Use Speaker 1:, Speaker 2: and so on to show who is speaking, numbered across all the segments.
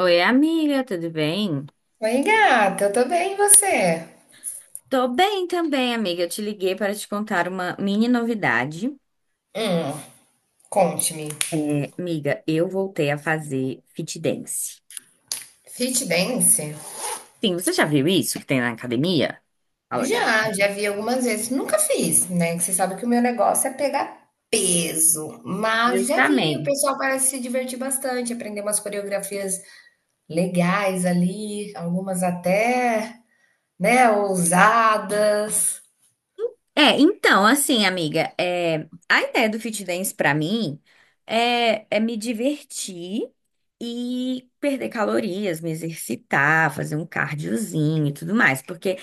Speaker 1: Oi, amiga, tudo bem?
Speaker 2: Oi, gata, eu tô bem, e você?
Speaker 1: Tô bem também, amiga. Eu te liguei para te contar uma mini novidade.
Speaker 2: Hum, conte-me.
Speaker 1: Amiga, eu voltei a fazer fit dance.
Speaker 2: Fit dance?
Speaker 1: Sim, você já viu isso que tem na academia? Olha,
Speaker 2: Já vi algumas vezes. Nunca fiz, né? Que você sabe que o meu negócio é pegar peso, mas já vi. O
Speaker 1: justamente.
Speaker 2: pessoal parece se divertir bastante, aprender umas coreografias legais ali, algumas até, né, ousadas.
Speaker 1: Então, amiga, a ideia do Fit Dance pra mim é me divertir e perder calorias, me exercitar, fazer um cardiozinho e tudo mais, porque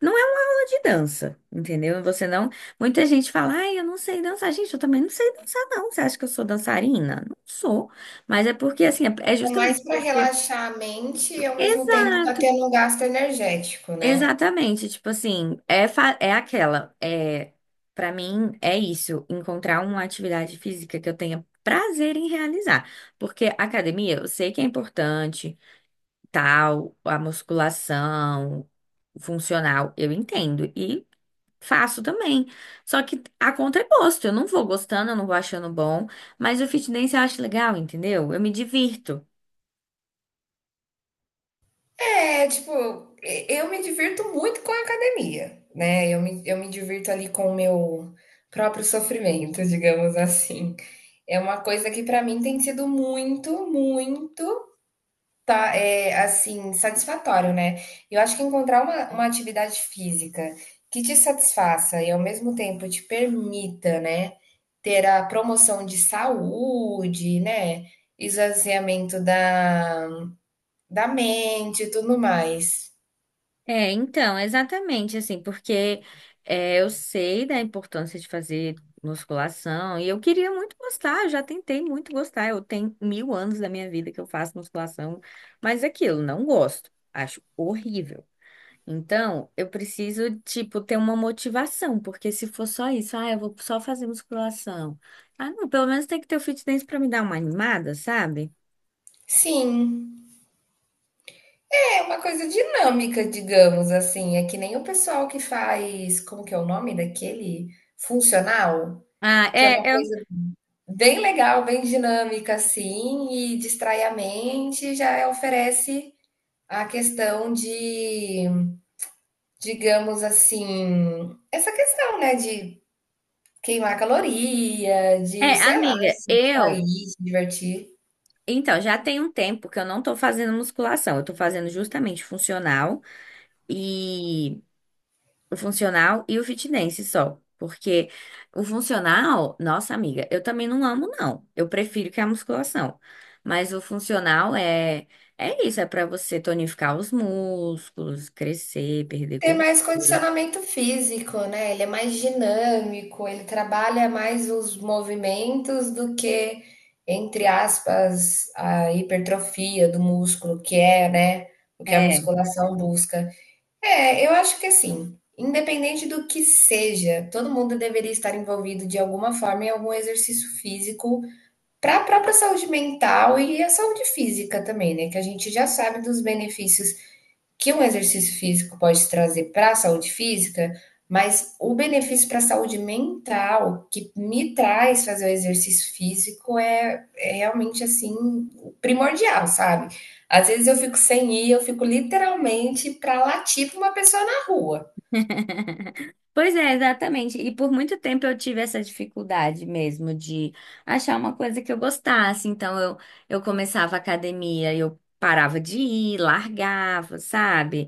Speaker 1: não é uma aula de dança, entendeu? Você não. Muita gente fala, ai, eu não sei dançar. Gente, eu também não sei dançar, não. Você acha que eu sou dançarina? Não sou. Mas é porque, assim, é
Speaker 2: É
Speaker 1: justamente
Speaker 2: mais para
Speaker 1: porque.
Speaker 2: relaxar a mente e ao mesmo tempo tá
Speaker 1: Exato,
Speaker 2: tendo um gasto energético, né?
Speaker 1: exatamente. Tipo assim, é aquela. Para mim, é isso. Encontrar uma atividade física que eu tenha prazer em realizar. Porque academia, eu sei que é importante, tal, a musculação funcional, eu entendo. E faço também. Só que a conta é gosto. Eu não vou gostando, eu não vou achando bom. Mas o fit dance eu acho legal, entendeu? Eu me divirto.
Speaker 2: É, tipo, eu me divirto muito com a academia, né? Eu me divirto ali com o meu próprio sofrimento, digamos assim. É uma coisa que pra mim tem sido muito, muito, tá, é, assim, satisfatório, né? Eu acho que encontrar uma atividade física que te satisfaça e ao mesmo tempo te permita, né, ter a promoção de saúde, né? Esvaziamento da, da mente e tudo mais.
Speaker 1: É, então, exatamente assim, porque eu sei da importância de fazer musculação e eu queria muito gostar, eu já tentei muito gostar. Eu tenho mil anos da minha vida que eu faço musculação, mas é aquilo, não gosto. Acho horrível. Então, eu preciso, tipo, ter uma motivação, porque se for só isso, ah, eu vou só fazer musculação. Ah, não, pelo menos tem que ter o fitness pra me dar uma animada, sabe?
Speaker 2: Sim, é uma coisa dinâmica, digamos assim. É que nem o pessoal que faz, como que é o nome daquele? Funcional,
Speaker 1: Ah,
Speaker 2: que é uma
Speaker 1: é, eu,
Speaker 2: coisa bem legal, bem dinâmica, assim, e distrai a mente, já oferece a questão de, digamos assim, essa questão, né, de queimar caloria,
Speaker 1: é,
Speaker 2: de, sei lá,
Speaker 1: amiga,
Speaker 2: se
Speaker 1: eu,
Speaker 2: sair, se divertir.
Speaker 1: então, já tem um tempo que eu não tô fazendo musculação, eu tô fazendo justamente funcional e o funcional e o fitness só. Porque o funcional, nossa amiga, eu também não amo, não. Eu prefiro que a musculação. Mas o funcional é isso, é pra você tonificar os músculos, crescer, perder
Speaker 2: Tem mais
Speaker 1: gordura.
Speaker 2: condicionamento físico, né? Ele é mais dinâmico, ele trabalha mais os movimentos do que, entre aspas, a hipertrofia do músculo, que é, né, o que a
Speaker 1: É.
Speaker 2: musculação busca. É, eu acho que assim, independente do que seja, todo mundo deveria estar envolvido de alguma forma em algum exercício físico para a própria saúde mental e a saúde física também, né? Que a gente já sabe dos benefícios que um exercício físico pode trazer para a saúde física, mas o benefício para a saúde mental que me traz fazer o exercício físico é realmente assim primordial, sabe? Às vezes eu fico sem ir, eu fico literalmente para latir para uma pessoa na rua.
Speaker 1: Pois é, exatamente. E por muito tempo eu tive essa dificuldade mesmo de achar uma coisa que eu gostasse. Eu começava a academia e eu parava de ir, largava, sabe?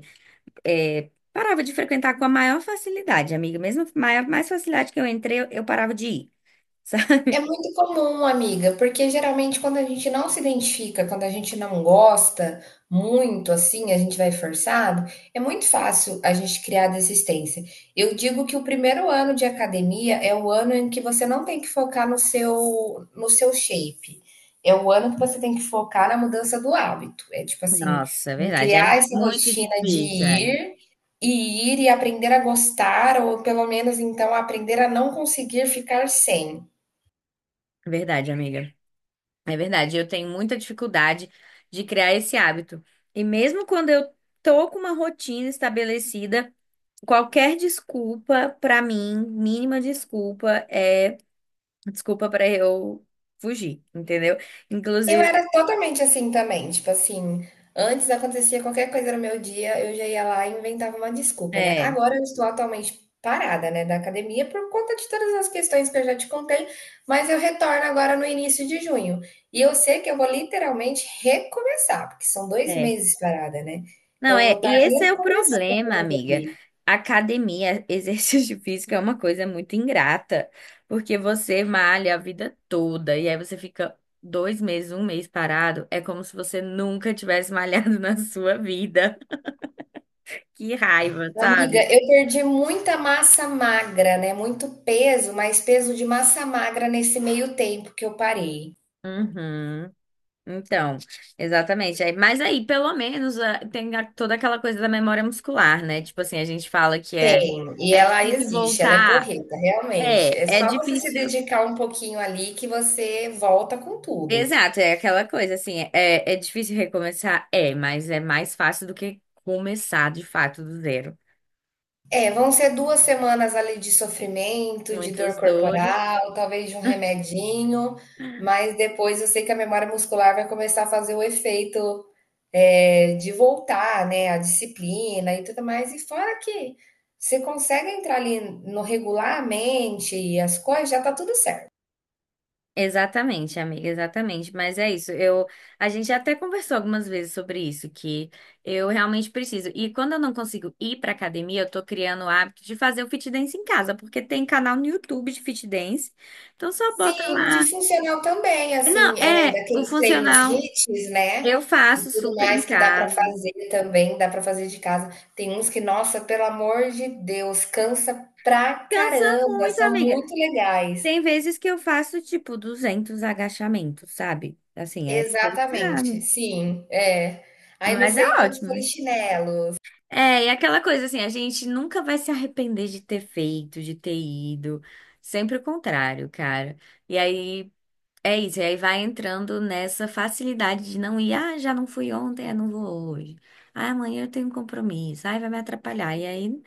Speaker 1: Parava de frequentar com a maior facilidade, amiga. Mesmo maior, mais facilidade que eu entrei, eu parava de ir. Sabe?
Speaker 2: É muito comum, amiga, porque geralmente quando a gente não se identifica, quando a gente não gosta muito assim, a gente vai forçado, é muito fácil a gente criar desistência. Eu digo que o primeiro ano de academia é o ano em que você não tem que focar no seu shape. É o ano que você tem que focar na mudança do hábito. É tipo assim,
Speaker 1: Nossa, é
Speaker 2: em
Speaker 1: verdade. É
Speaker 2: criar essa
Speaker 1: muito
Speaker 2: rotina de
Speaker 1: difícil, é.
Speaker 2: ir e ir e aprender a gostar, ou pelo menos então aprender a não conseguir ficar sem.
Speaker 1: Verdade, amiga. É verdade. Eu tenho muita dificuldade de criar esse hábito. E mesmo quando eu tô com uma rotina estabelecida, qualquer desculpa pra mim, mínima desculpa, é desculpa pra eu fugir, entendeu?
Speaker 2: Eu
Speaker 1: Inclusive,
Speaker 2: era totalmente assim também, tipo assim, antes acontecia qualquer coisa no meu dia, eu já ia lá e inventava uma desculpa, né?
Speaker 1: é.
Speaker 2: Agora eu estou atualmente parada, né, da academia por conta de todas as questões que eu já te contei, mas eu retorno agora no início de junho. E eu sei que eu vou literalmente recomeçar, porque são dois
Speaker 1: É.
Speaker 2: meses parada, né?
Speaker 1: Não,
Speaker 2: Então eu vou
Speaker 1: é,
Speaker 2: estar
Speaker 1: e esse é o problema,
Speaker 2: recomeçando
Speaker 1: amiga.
Speaker 2: ali.
Speaker 1: Academia, exercício físico é uma coisa muito ingrata, porque você malha a vida toda e aí você fica 2 meses, um mês parado, é como se você nunca tivesse malhado na sua vida. Que raiva,
Speaker 2: Amiga,
Speaker 1: sabe?
Speaker 2: eu perdi muita massa magra, né? Muito peso, mas peso de massa magra nesse meio tempo que eu parei.
Speaker 1: Uhum. Então, exatamente. Mas aí, pelo menos, ah, toda aquela coisa da memória muscular, né? Tipo assim, a gente fala que
Speaker 2: Tem, e
Speaker 1: é
Speaker 2: ela
Speaker 1: difícil
Speaker 2: existe, ela é
Speaker 1: voltar.
Speaker 2: porreta,
Speaker 1: É,
Speaker 2: realmente. É
Speaker 1: é
Speaker 2: só você se
Speaker 1: difícil.
Speaker 2: dedicar um pouquinho ali que você volta com tudo.
Speaker 1: Exato, é aquela coisa assim, é difícil recomeçar? É, mas é mais fácil do que começar de fato do zero.
Speaker 2: É, vão ser 2 semanas ali de sofrimento, de dor
Speaker 1: Muitas dores.
Speaker 2: corporal, talvez de um remedinho, mas depois eu sei que a memória muscular vai começar a fazer o efeito, de voltar, né, a disciplina e tudo mais. E fora que você consegue entrar ali no regularmente e as coisas, já tá tudo certo.
Speaker 1: Exatamente, amiga, exatamente. Mas é isso. A gente até conversou algumas vezes sobre isso, que eu realmente preciso. E quando eu não consigo ir pra academia, eu tô criando o hábito de fazer o fit dance em casa, porque tem canal no YouTube de fit dance. Então só bota
Speaker 2: Sim,
Speaker 1: lá.
Speaker 2: de funcional também,
Speaker 1: Não,
Speaker 2: assim,
Speaker 1: é, o
Speaker 2: daqueles treinos
Speaker 1: funcional
Speaker 2: hits, né,
Speaker 1: eu
Speaker 2: e
Speaker 1: faço
Speaker 2: tudo
Speaker 1: super em
Speaker 2: mais que dá para
Speaker 1: casa.
Speaker 2: fazer também, dá para fazer de casa. Tem uns que, nossa, pelo amor de Deus, cansa pra
Speaker 1: Cansa
Speaker 2: caramba,
Speaker 1: muito,
Speaker 2: são
Speaker 1: amiga.
Speaker 2: muito legais.
Speaker 1: Tem vezes que eu faço tipo 200 agachamentos, sabe? Assim, é
Speaker 2: Exatamente,
Speaker 1: pesado,
Speaker 2: sim, é. Aí não
Speaker 1: mas é
Speaker 2: sei quantos
Speaker 1: ótimo, né?
Speaker 2: polichinelos.
Speaker 1: É, e aquela coisa assim, a gente nunca vai se arrepender de ter feito, de ter ido. Sempre o contrário, cara. E aí é isso, e aí vai entrando nessa facilidade de não ir, ah, já não fui ontem, eu não vou hoje. Ah, amanhã eu tenho um compromisso, ai, vai me atrapalhar. E aí,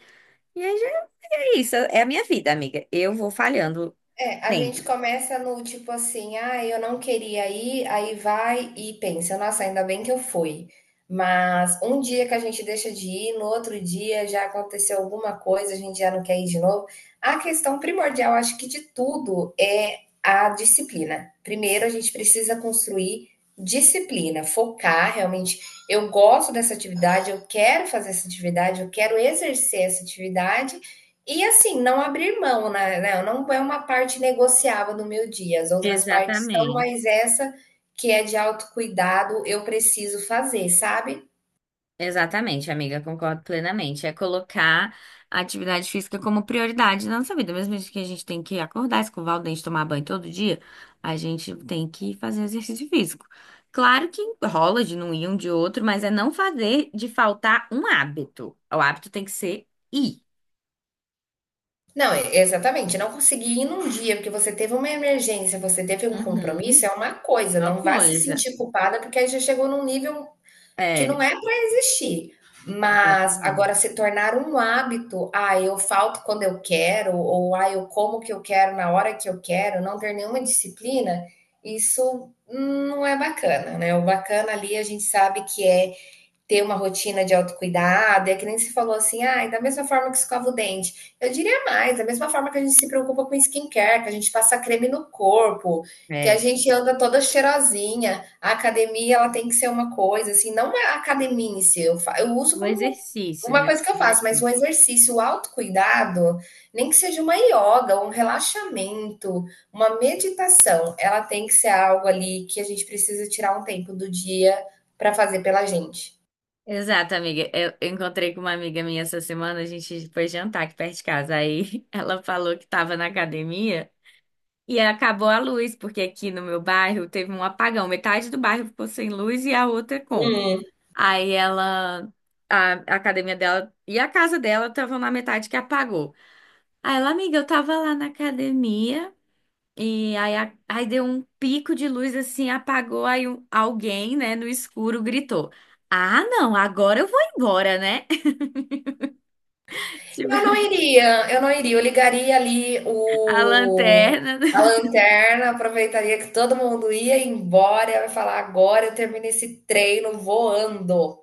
Speaker 1: e aí já é isso, é a minha vida, amiga. Eu vou falhando
Speaker 2: É, a gente
Speaker 1: sempre.
Speaker 2: começa no tipo assim, ah, eu não queria ir, aí vai e pensa, nossa, ainda bem que eu fui. Mas um dia que a gente deixa de ir, no outro dia já aconteceu alguma coisa, a gente já não quer ir de novo. A questão primordial, acho que de tudo, é a disciplina. Primeiro, a gente precisa construir disciplina, focar realmente. Eu gosto dessa atividade, eu quero fazer essa atividade, eu quero exercer essa atividade. E assim, não abrir mão, né, não é uma parte negociável no meu dia, as outras partes são,
Speaker 1: Exatamente.
Speaker 2: mas essa que é de autocuidado, eu preciso fazer, sabe.
Speaker 1: Exatamente, amiga, concordo plenamente. É colocar a atividade física como prioridade na nossa vida. Mesmo que a gente tem que acordar, escovar o dente, tomar banho todo dia, a gente tem que fazer exercício físico. Claro que rola de não ir um de outro, mas é não fazer de faltar um hábito. O hábito tem que ser ir.
Speaker 2: Não, exatamente, não conseguir ir num dia, porque você teve uma emergência, você teve um
Speaker 1: Uhum,
Speaker 2: compromisso, é uma coisa,
Speaker 1: uma
Speaker 2: não vá se
Speaker 1: coisa.
Speaker 2: sentir culpada, porque aí já chegou num nível que
Speaker 1: É,
Speaker 2: não é para existir. Mas
Speaker 1: exatamente.
Speaker 2: agora se tornar um hábito, ah, eu falto quando eu quero, ou ah, eu como o que eu quero na hora que eu quero, não ter nenhuma disciplina, isso não é bacana, né? O bacana ali a gente sabe que é ter uma rotina de autocuidado, é que nem se falou assim, ah, da mesma forma que escova o dente. Eu diria mais, da mesma forma que a gente se preocupa com skincare, que a gente passa creme no corpo, que a
Speaker 1: É.
Speaker 2: gente anda toda cheirosinha. A academia, ela tem que ser uma coisa, assim, não a academia em si, eu, eu uso
Speaker 1: O
Speaker 2: como
Speaker 1: exercício,
Speaker 2: uma
Speaker 1: né?
Speaker 2: coisa que eu faço, mas o exercício, o autocuidado, nem que seja uma yoga, um relaxamento, uma meditação, ela tem que ser algo ali que a gente precisa tirar um tempo do dia para fazer pela gente.
Speaker 1: Exato, amiga. Eu encontrei com uma amiga minha essa semana, a gente foi jantar aqui perto de casa. Aí ela falou que estava na academia e acabou a luz, porque aqui no meu bairro teve um apagão. Metade do bairro ficou sem luz e a outra com.
Speaker 2: Hum.
Speaker 1: Aí ela, a academia dela e a casa dela estavam na metade que apagou. Aí ela, amiga, eu tava lá na academia. E aí, aí deu um pico de luz assim, apagou, alguém, né, no escuro gritou: ah, não, agora eu vou embora, né? Tipo,
Speaker 2: Eu não iria, eu não iria. Eu ligaria ali
Speaker 1: a
Speaker 2: o,
Speaker 1: lanterna.
Speaker 2: a lanterna, aproveitaria que todo mundo ia embora e eu ia falar: agora eu termino esse treino voando.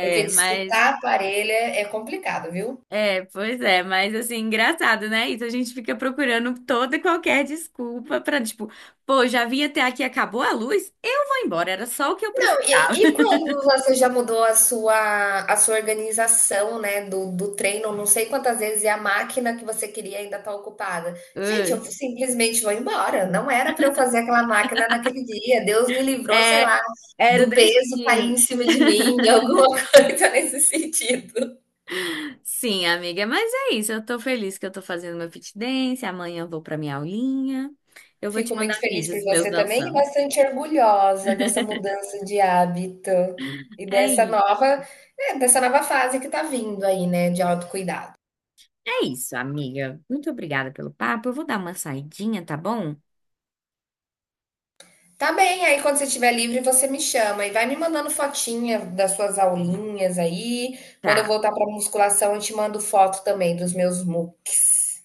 Speaker 2: Porque
Speaker 1: mas.
Speaker 2: disputar aparelho parelha é complicado, viu?
Speaker 1: É, pois é, mas assim, engraçado, né? Isso a gente fica procurando toda e qualquer desculpa pra, tipo, pô, já vim até aqui, acabou a luz, eu vou embora, era só o que eu
Speaker 2: Não,
Speaker 1: precisava.
Speaker 2: e quando você já mudou a sua organização, né, do, do treino, não sei quantas vezes, e a máquina que você queria ainda está ocupada.
Speaker 1: Ah,
Speaker 2: Gente, eu simplesmente vou embora. Não era para eu fazer aquela máquina naquele dia. Deus me livrou, sei
Speaker 1: é,
Speaker 2: lá,
Speaker 1: era o
Speaker 2: do peso cair
Speaker 1: destino.
Speaker 2: em cima de mim, alguma coisa nesse sentido.
Speaker 1: Sim, amiga, mas é isso, eu tô feliz que eu tô fazendo meu fit dance, amanhã eu vou pra minha aulinha, eu vou te
Speaker 2: Fico
Speaker 1: mandar
Speaker 2: muito feliz por
Speaker 1: vídeos meus
Speaker 2: você também e
Speaker 1: dançando.
Speaker 2: bastante orgulhosa dessa mudança de hábito e
Speaker 1: É,
Speaker 2: dessa
Speaker 1: i-
Speaker 2: nova, dessa nova fase que está vindo aí, né, de autocuidado.
Speaker 1: É isso, amiga. Muito obrigada pelo papo, eu vou dar uma saidinha, tá bom?
Speaker 2: Tá bem, aí quando você estiver livre, você me chama e vai me mandando fotinha das suas aulinhas aí. Quando eu
Speaker 1: Tá.
Speaker 2: voltar para musculação, eu te mando foto também dos meus mu.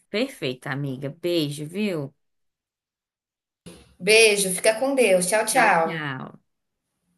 Speaker 1: Perfeito, amiga. Beijo, viu?
Speaker 2: Beijo, fica com Deus. Tchau,
Speaker 1: Tchau,
Speaker 2: tchau.
Speaker 1: tchau.